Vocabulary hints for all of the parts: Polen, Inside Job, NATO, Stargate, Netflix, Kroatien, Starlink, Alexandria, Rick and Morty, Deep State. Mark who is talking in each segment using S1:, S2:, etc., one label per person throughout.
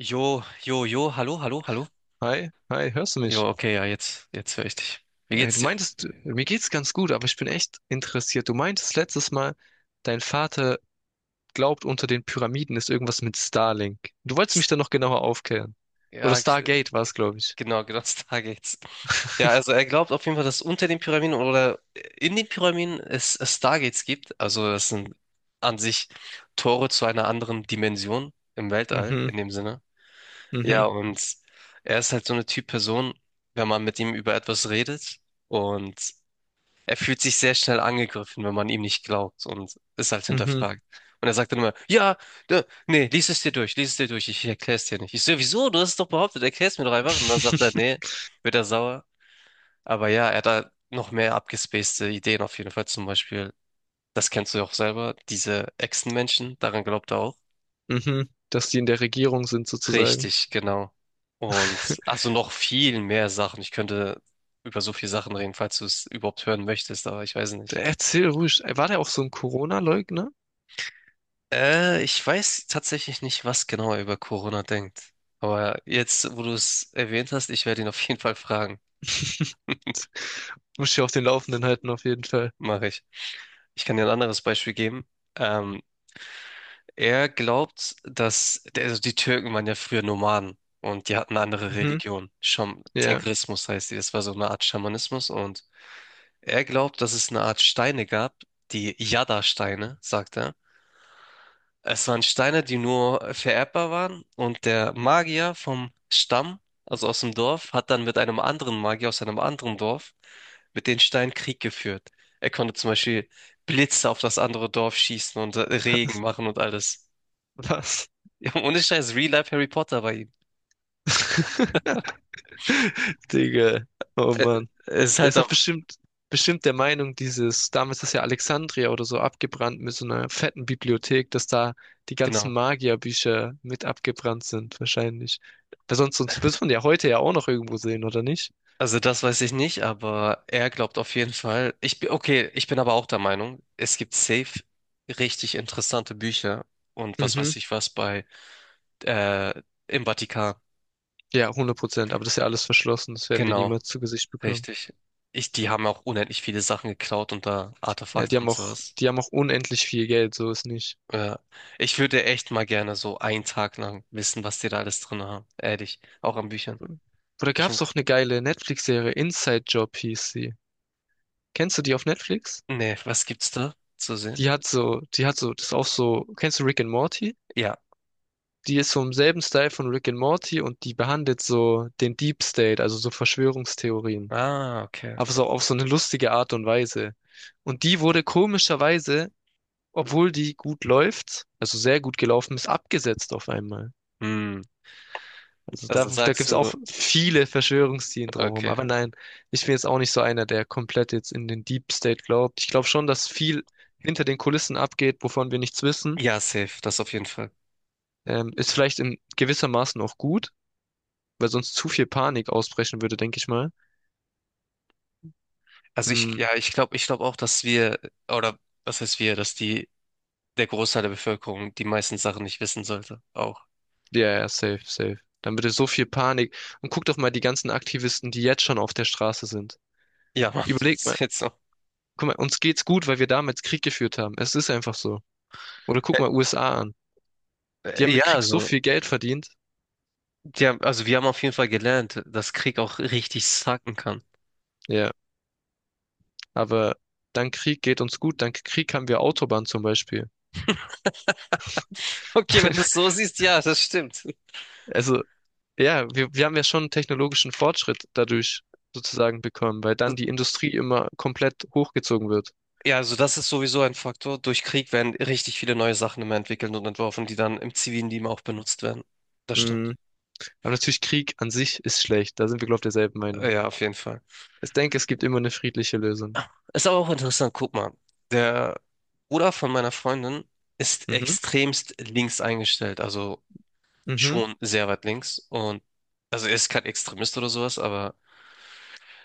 S1: Jo, jo, jo, hallo, hallo, hallo.
S2: Hi, hi, hörst du mich?
S1: Jo, okay, ja, jetzt höre ich dich. Wie
S2: Äh,
S1: geht's
S2: du
S1: dir?
S2: meintest, mir geht's ganz gut, aber ich bin echt interessiert. Du meintest letztes Mal, dein Vater glaubt, unter den Pyramiden ist irgendwas mit Starlink. Du wolltest
S1: S-
S2: mich da noch genauer aufklären. Oder
S1: Ja,
S2: Stargate war es, glaube ich.
S1: genau, genau, da geht's. Ja, also er glaubt auf jeden Fall, dass unter den Pyramiden oder in den Pyramiden es Stargates gibt. Also das sind an sich Tore zu einer anderen Dimension im Weltall,
S2: Mhm,
S1: in dem Sinne. Ja,
S2: mhm,
S1: und er ist halt so eine Typ Person, wenn man mit ihm über etwas redet. Und er fühlt sich sehr schnell angegriffen, wenn man ihm nicht glaubt und es halt
S2: mhm.
S1: hinterfragt. Und er sagt dann immer, ja, da, nee, lies es dir durch, lies es dir durch, ich erkläre es dir nicht. Ich so, wieso? Du hast es doch behauptet, erklär es mir doch einfach. Und dann sagt er, nee, wird er sauer. Aber ja, er hat da noch mehr abgespacede Ideen auf jeden Fall. Zum Beispiel, das kennst du ja auch selber, diese Echsenmenschen, daran glaubt er auch.
S2: Mhm. Dass die in der Regierung sind, sozusagen.
S1: Richtig, genau. Und also noch viel mehr Sachen. Ich könnte über so viele Sachen reden, falls du es überhaupt hören möchtest, aber ich weiß nicht.
S2: Erzähl ruhig. War der auch so ein Corona-Leugner?
S1: Ich weiß tatsächlich nicht, was genau er über Corona denkt. Aber jetzt, wo du es erwähnt hast, ich werde ihn auf jeden Fall fragen.
S2: Muss ich auf den Laufenden halten, auf jeden Fall.
S1: Mache ich. Ich kann dir ein anderes Beispiel geben. Ähm, er glaubt, dass, also die Türken waren ja früher Nomaden und die hatten eine andere
S2: Mhm.
S1: Religion. Scham
S2: Ja.
S1: Tengrismus heißt die. Das war so eine Art Schamanismus und er glaubt, dass es eine Art Steine gab, die Yada-Steine, sagt er. Es waren Steine, die nur vererbbar waren und der Magier vom Stamm, also aus dem Dorf, hat dann mit einem anderen Magier aus einem anderen Dorf mit den Steinen Krieg geführt. Er konnte zum Beispiel Blitze auf das andere Dorf schießen und Regen machen und alles.
S2: Was?
S1: Ja, ohne Scheiß, Real Life Harry Potter bei ihm.
S2: Digga. Oh
S1: Ä-
S2: Mann.
S1: Es ist
S2: Der
S1: halt
S2: ist doch
S1: auch,
S2: bestimmt der Meinung, dieses, damals ist ja Alexandria oder so abgebrannt mit so einer fetten Bibliothek, dass da die ganzen
S1: genau.
S2: Magierbücher mit abgebrannt sind, wahrscheinlich. Weil sonst wird man ja heute ja auch noch irgendwo sehen, oder nicht?
S1: Also das weiß ich nicht, aber er glaubt auf jeden Fall. Ich bin, okay, ich bin aber auch der Meinung, es gibt safe richtig interessante Bücher und was
S2: Mhm.
S1: weiß ich was bei äh, im Vatikan.
S2: Ja, hundert Prozent. Aber das ist ja alles verschlossen. Das werden wir
S1: Genau,
S2: niemals zu Gesicht bekommen.
S1: richtig. Ich, die haben auch unendlich viele Sachen geklaut und da
S2: Ja, die
S1: Artefakte
S2: haben
S1: und sowas.
S2: auch unendlich viel Geld, so ist nicht.
S1: Ja. Ich würde echt mal gerne so einen Tag lang wissen, was die da alles drin haben. Ehrlich, auch an Büchern.
S2: Oder gab's
S1: Bestimmt.
S2: doch eine geile Netflix-Serie, Inside Job hieß sie. Kennst du die auf Netflix?
S1: Nee, was gibt's da zu sehen?
S2: Die hat so, das ist auch so, kennst du Rick and Morty?
S1: Ja.
S2: Die ist so im selben Style von Rick and Morty und die behandelt so den Deep State, also so Verschwörungstheorien.
S1: Ah, okay.
S2: Aber so auf so eine lustige Art und Weise. Und die wurde komischerweise, obwohl die gut läuft, also sehr gut gelaufen ist, abgesetzt auf einmal.
S1: Hm.
S2: Also da,
S1: Also
S2: da gibt
S1: sagst
S2: es
S1: du,
S2: auch viele Verschwörungstheorien drumherum.
S1: okay.
S2: Aber nein, ich bin jetzt auch nicht so einer, der komplett jetzt in den Deep State glaubt. Ich glaube schon, dass viel hinter den Kulissen abgeht, wovon wir nichts wissen.
S1: Ja, safe, das auf jeden Fall.
S2: Ist vielleicht in gewissermaßen auch gut, weil sonst zu viel Panik ausbrechen würde, denke ich mal.
S1: Also ich,
S2: Hm,
S1: ja, ich glaube auch, dass wir, oder was heißt wir, dass die, der Großteil der Bevölkerung die meisten Sachen nicht wissen sollte. Auch.
S2: ja, ja, safe, safe. Dann würde so viel Panik. Und guck doch mal die ganzen Aktivisten, die jetzt schon auf der Straße sind.
S1: Ja, Mann, das
S2: Überleg mal,
S1: ist jetzt so.
S2: guck mal, uns geht's gut, weil wir damals Krieg geführt haben. Es ist einfach so. Oder guck mal USA an. Die haben mit
S1: Ja,
S2: Krieg so
S1: so,
S2: viel Geld verdient.
S1: die haben, also wir haben auf jeden Fall gelernt, dass Krieg auch richtig sacken kann.
S2: Ja, aber dank Krieg geht uns gut. Dank Krieg haben wir Autobahn zum Beispiel.
S1: Okay, wenn du es so siehst, ja, das stimmt.
S2: Also ja, wir haben ja schon technologischen Fortschritt dadurch sozusagen bekommen, weil dann die Industrie immer komplett hochgezogen wird.
S1: Ja, also das ist sowieso ein Faktor. Durch Krieg werden richtig viele neue Sachen immer entwickelt und entworfen, die dann im zivilen Leben auch benutzt werden. Das stimmt.
S2: Mhm. Aber natürlich Krieg an sich ist schlecht. Da sind wir, glaube ich, derselben Meinung.
S1: Ja, auf jeden Fall.
S2: Ich denke, es gibt immer eine friedliche Lösung.
S1: Ist aber auch interessant, guck mal. Der Bruder von meiner Freundin ist
S2: Mhm.
S1: extremst links eingestellt, also
S2: Mhm.
S1: schon sehr weit links. Und also er ist kein Extremist oder sowas, aber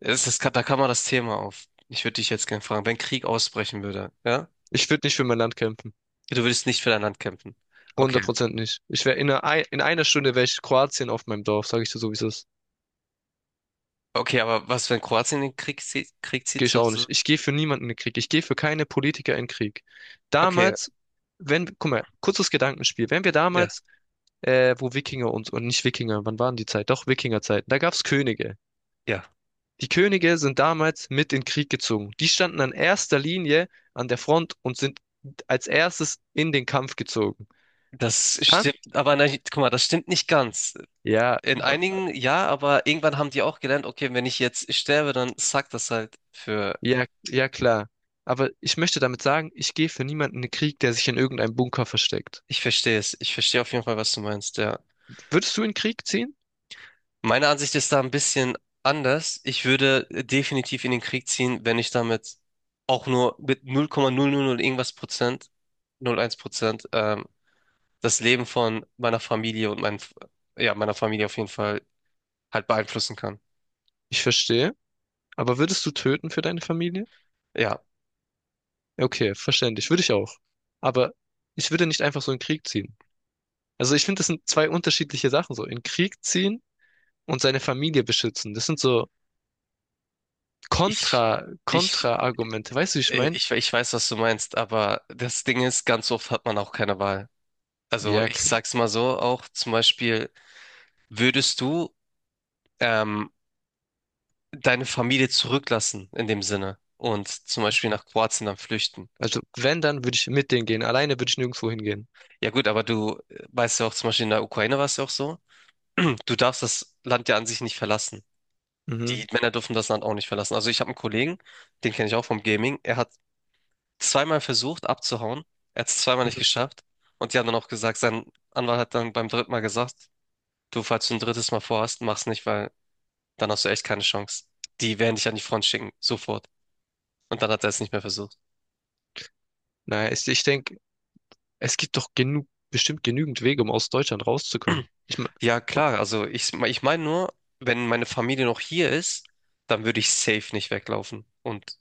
S1: es ist, da kann man das Thema auf. Ich würde dich jetzt gerne fragen, wenn Krieg ausbrechen würde, ja?
S2: Ich würde nicht für mein Land kämpfen.
S1: Du würdest nicht für dein Land kämpfen. Okay,
S2: Hundert Prozent nicht. Ich wäre in einer Stunde wäre ich Kroatien auf meinem Dorf, sage ich dir so, wie es ist.
S1: okay, aber was, wenn Kroatien den Krieg zieht,
S2: Gehe ich
S1: so,
S2: auch
S1: so?
S2: nicht. Ich gehe für niemanden in den Krieg. Ich gehe für keine Politiker in den Krieg.
S1: Okay,
S2: Damals, wenn, guck mal, kurzes Gedankenspiel. Wenn wir
S1: ja,
S2: damals wo Wikinger und nicht Wikinger, wann waren die Zeit? Doch, Wikingerzeiten. Da gab's Könige.
S1: ja.
S2: Die Könige sind damals mit in den Krieg gezogen. Die standen an erster Linie an der Front und sind als erstes in den Kampf gezogen.
S1: Das
S2: Dann?
S1: stimmt, aber nein, guck mal, das stimmt nicht ganz.
S2: Ja,
S1: In einigen ja, aber irgendwann haben die auch gelernt, okay, wenn ich jetzt sterbe, dann sagt das halt für.
S2: ja klar. Aber ich möchte damit sagen, ich gehe für niemanden in den Krieg, der sich in irgendeinem Bunker versteckt.
S1: Ich verstehe es. Ich verstehe auf jeden Fall, was du meinst, ja.
S2: Würdest du in den Krieg ziehen?
S1: Meine Ansicht ist da ein bisschen anders. Ich würde definitiv in den Krieg ziehen, wenn ich damit auch nur mit 0,000 irgendwas Prozent, 0,1%, das Leben von meiner Familie und mein, ja, meiner Familie auf jeden Fall halt beeinflussen kann.
S2: Ich verstehe. Aber würdest du töten für deine Familie?
S1: Ja,
S2: Ja, okay, verständlich. Würde ich auch. Aber ich würde nicht einfach so in den Krieg ziehen. Also ich finde, das sind zwei unterschiedliche Sachen, so in Krieg ziehen und seine Familie beschützen. Das sind so
S1: ich,
S2: Kontra,
S1: ich,
S2: Kontra-Argumente. Weißt du, wie ich
S1: äh,
S2: meine?
S1: ich, ich weiß, was du meinst, aber das Ding ist, ganz oft hat man auch keine Wahl. Also
S2: Ja,
S1: ich
S2: klar.
S1: sag's mal so auch, zum Beispiel, würdest du ähm, deine Familie zurücklassen in dem Sinne und zum Beispiel nach Kroatien dann flüchten.
S2: Also wenn, dann würde ich mit denen gehen. Alleine würde ich nirgendwo hingehen.
S1: Ja gut, aber du weißt ja auch, zum Beispiel in der Ukraine war es ja auch so, du darfst das Land ja an sich nicht verlassen.
S2: Mhm.
S1: Die Männer dürfen das Land auch nicht verlassen. Also ich habe einen Kollegen, den kenne ich auch vom Gaming, er hat zweimal versucht abzuhauen, er hat es zweimal nicht
S2: Mhm.
S1: geschafft und die haben dann auch gesagt, sein Anwalt hat dann beim dritten Mal gesagt, du, falls du ein drittes Mal vorhast, mach's nicht, weil dann hast du echt keine Chance. Die werden dich an die Front schicken, sofort. Und dann hat er es nicht mehr versucht.
S2: Naja, ich denke, es gibt doch genug, bestimmt genügend Wege, um aus Deutschland rauszukommen. Ich mein,
S1: Ja, klar, also ich meine nur, wenn meine Familie noch hier ist, dann würde ich safe nicht weglaufen und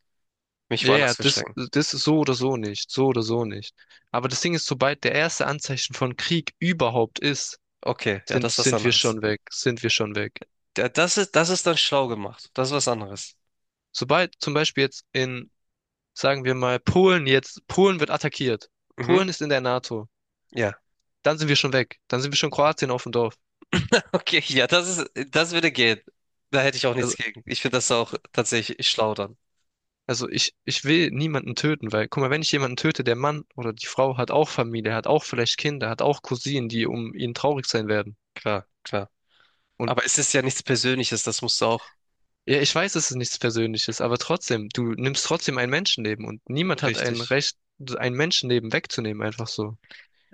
S1: mich
S2: ja, ja,
S1: woanders
S2: das,
S1: verstecken.
S2: das ist so oder so nicht, so oder so nicht. Aber das Ding ist, sobald der erste Anzeichen von Krieg überhaupt ist,
S1: Okay, ja,
S2: sind,
S1: das ist was
S2: sind wir
S1: anderes.
S2: schon weg, sind wir schon weg.
S1: Das ist dann schlau gemacht. Das ist was anderes.
S2: Sobald zum Beispiel jetzt in sagen wir mal, Polen jetzt, Polen wird attackiert.
S1: Mhm,
S2: Polen ist in der NATO.
S1: ja.
S2: Dann sind wir schon weg. Dann sind wir schon Kroatien auf dem Dorf.
S1: Okay, ja, das ist, das würde gehen. Da hätte ich auch nichts
S2: Also,
S1: gegen. Ich finde das auch tatsächlich schlau dann.
S2: also ich will niemanden töten, weil, guck mal, wenn ich jemanden töte, der Mann oder die Frau hat auch Familie, hat auch vielleicht Kinder, hat auch Cousinen, die um ihn traurig sein werden.
S1: Klar, klar.
S2: Und
S1: Aber es ist ja nichts Persönliches, das musst du auch
S2: ja, ich weiß, es ist nichts Persönliches, aber trotzdem, du nimmst trotzdem ein Menschenleben und niemand hat ein
S1: richtig.
S2: Recht, ein Menschenleben wegzunehmen, einfach so.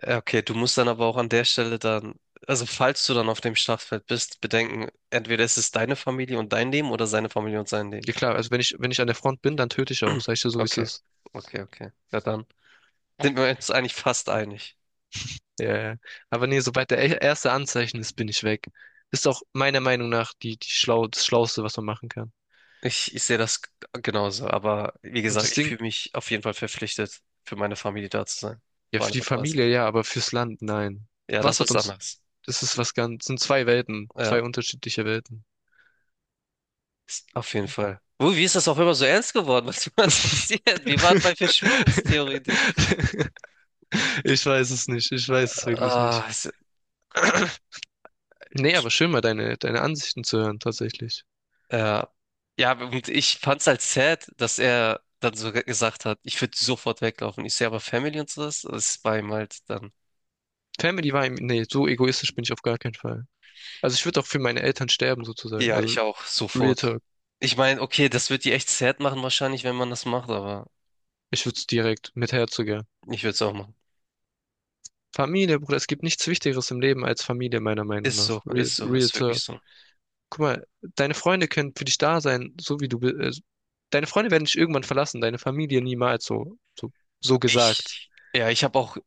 S1: Ja, okay, du musst dann aber auch an der Stelle dann, also falls du dann auf dem Schlachtfeld bist, bedenken, entweder ist es deine Familie und dein Leben oder seine Familie und sein Leben.
S2: Ja klar, also wenn ich an der Front bin, dann töte ich auch, sag ich dir so, wie es
S1: Okay,
S2: ist.
S1: okay, okay. Ja, dann sind wir uns eigentlich fast einig.
S2: Ja, ja. Aber nee, sobald der erste Anzeichen ist, bin ich weg. Ist auch meiner Meinung nach das Schlauste, was man machen kann.
S1: Ich sehe das genauso, aber wie
S2: Und
S1: gesagt,
S2: das
S1: ich
S2: Ding,
S1: fühle mich auf jeden Fall verpflichtet, für meine Familie da zu sein.
S2: ja,
S1: Auf
S2: für
S1: eine
S2: die
S1: Art und Weise.
S2: Familie ja, aber fürs Land nein.
S1: Ja, das
S2: Was hat
S1: ist
S2: uns,
S1: anders.
S2: das ist was ganz, sind zwei Welten, zwei
S1: Ja,
S2: unterschiedliche Welten.
S1: auf jeden Fall. Wie ist das auch immer so ernst geworden? Was passiert? Wir waren bei Verschwörungstheorien.
S2: Ich weiß es nicht, ich weiß es wirklich nicht.
S1: Ah,
S2: Nee, aber schön mal deine Ansichten zu hören, tatsächlich.
S1: Ja, ja, und ich fand's halt sad, dass er dann so gesagt hat, ich würde sofort weglaufen. Ich sehe aber Family und so das ist bei ihm halt dann.
S2: Family war, im- nee, so egoistisch bin ich auf gar keinen Fall. Also ich würde auch für meine Eltern sterben, sozusagen.
S1: Ja,
S2: Also
S1: ich auch,
S2: Real
S1: sofort.
S2: Talk.
S1: Ich meine, okay, das wird die echt sad machen wahrscheinlich, wenn man das macht, aber
S2: Ich würde es direkt mit Herzogern.
S1: ich würde es auch machen.
S2: Familie, Bruder, es gibt nichts Wichtigeres im Leben als Familie, meiner Meinung
S1: Ist
S2: nach.
S1: so,
S2: Real,
S1: ist so,
S2: real
S1: ist wirklich
S2: talk.
S1: so.
S2: Guck mal, deine Freunde können für dich da sein, so wie du bist. Deine Freunde werden dich irgendwann verlassen, deine Familie niemals, so gesagt.
S1: Ich, ja, ich habe auch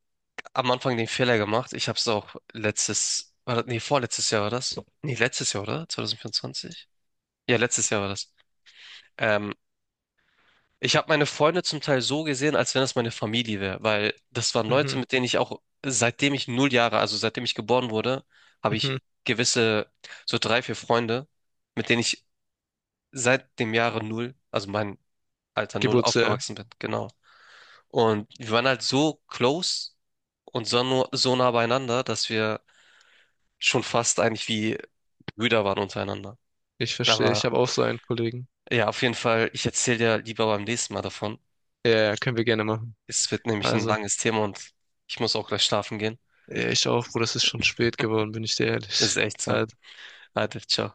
S1: am Anfang den Fehler gemacht. Ich habe es auch letztes, war das, nee, vorletztes Jahr war das? Nee, letztes Jahr, oder? 2024? Ja, letztes Jahr war das. Ähm, Ich habe meine Freunde zum Teil so gesehen, als wenn das meine Familie wäre, weil das waren Leute,
S2: Mhm,
S1: mit denen ich auch, seitdem ich 0 Jahre, also seitdem ich geboren wurde, habe
S2: mhm.
S1: ich gewisse, so drei, vier Freunde, mit denen ich seit dem Jahre null, also mein Alter null,
S2: Geburtsjahr.
S1: aufgewachsen bin, genau. Und wir waren halt so close und so, so nah beieinander, dass wir schon fast eigentlich wie Brüder waren untereinander.
S2: Ich verstehe,
S1: Aber
S2: ich habe auch so einen Kollegen.
S1: ja, auf jeden Fall, ich erzähle dir lieber beim nächsten Mal davon.
S2: Ja, ja, können wir gerne machen.
S1: Es wird nämlich ein
S2: Also,
S1: langes Thema und ich muss auch gleich schlafen gehen.
S2: ja, ich auch, Bruder, es ist schon spät geworden, bin ich dir
S1: Das ist
S2: ehrlich.
S1: echt so.
S2: Äh,
S1: Alter, ciao.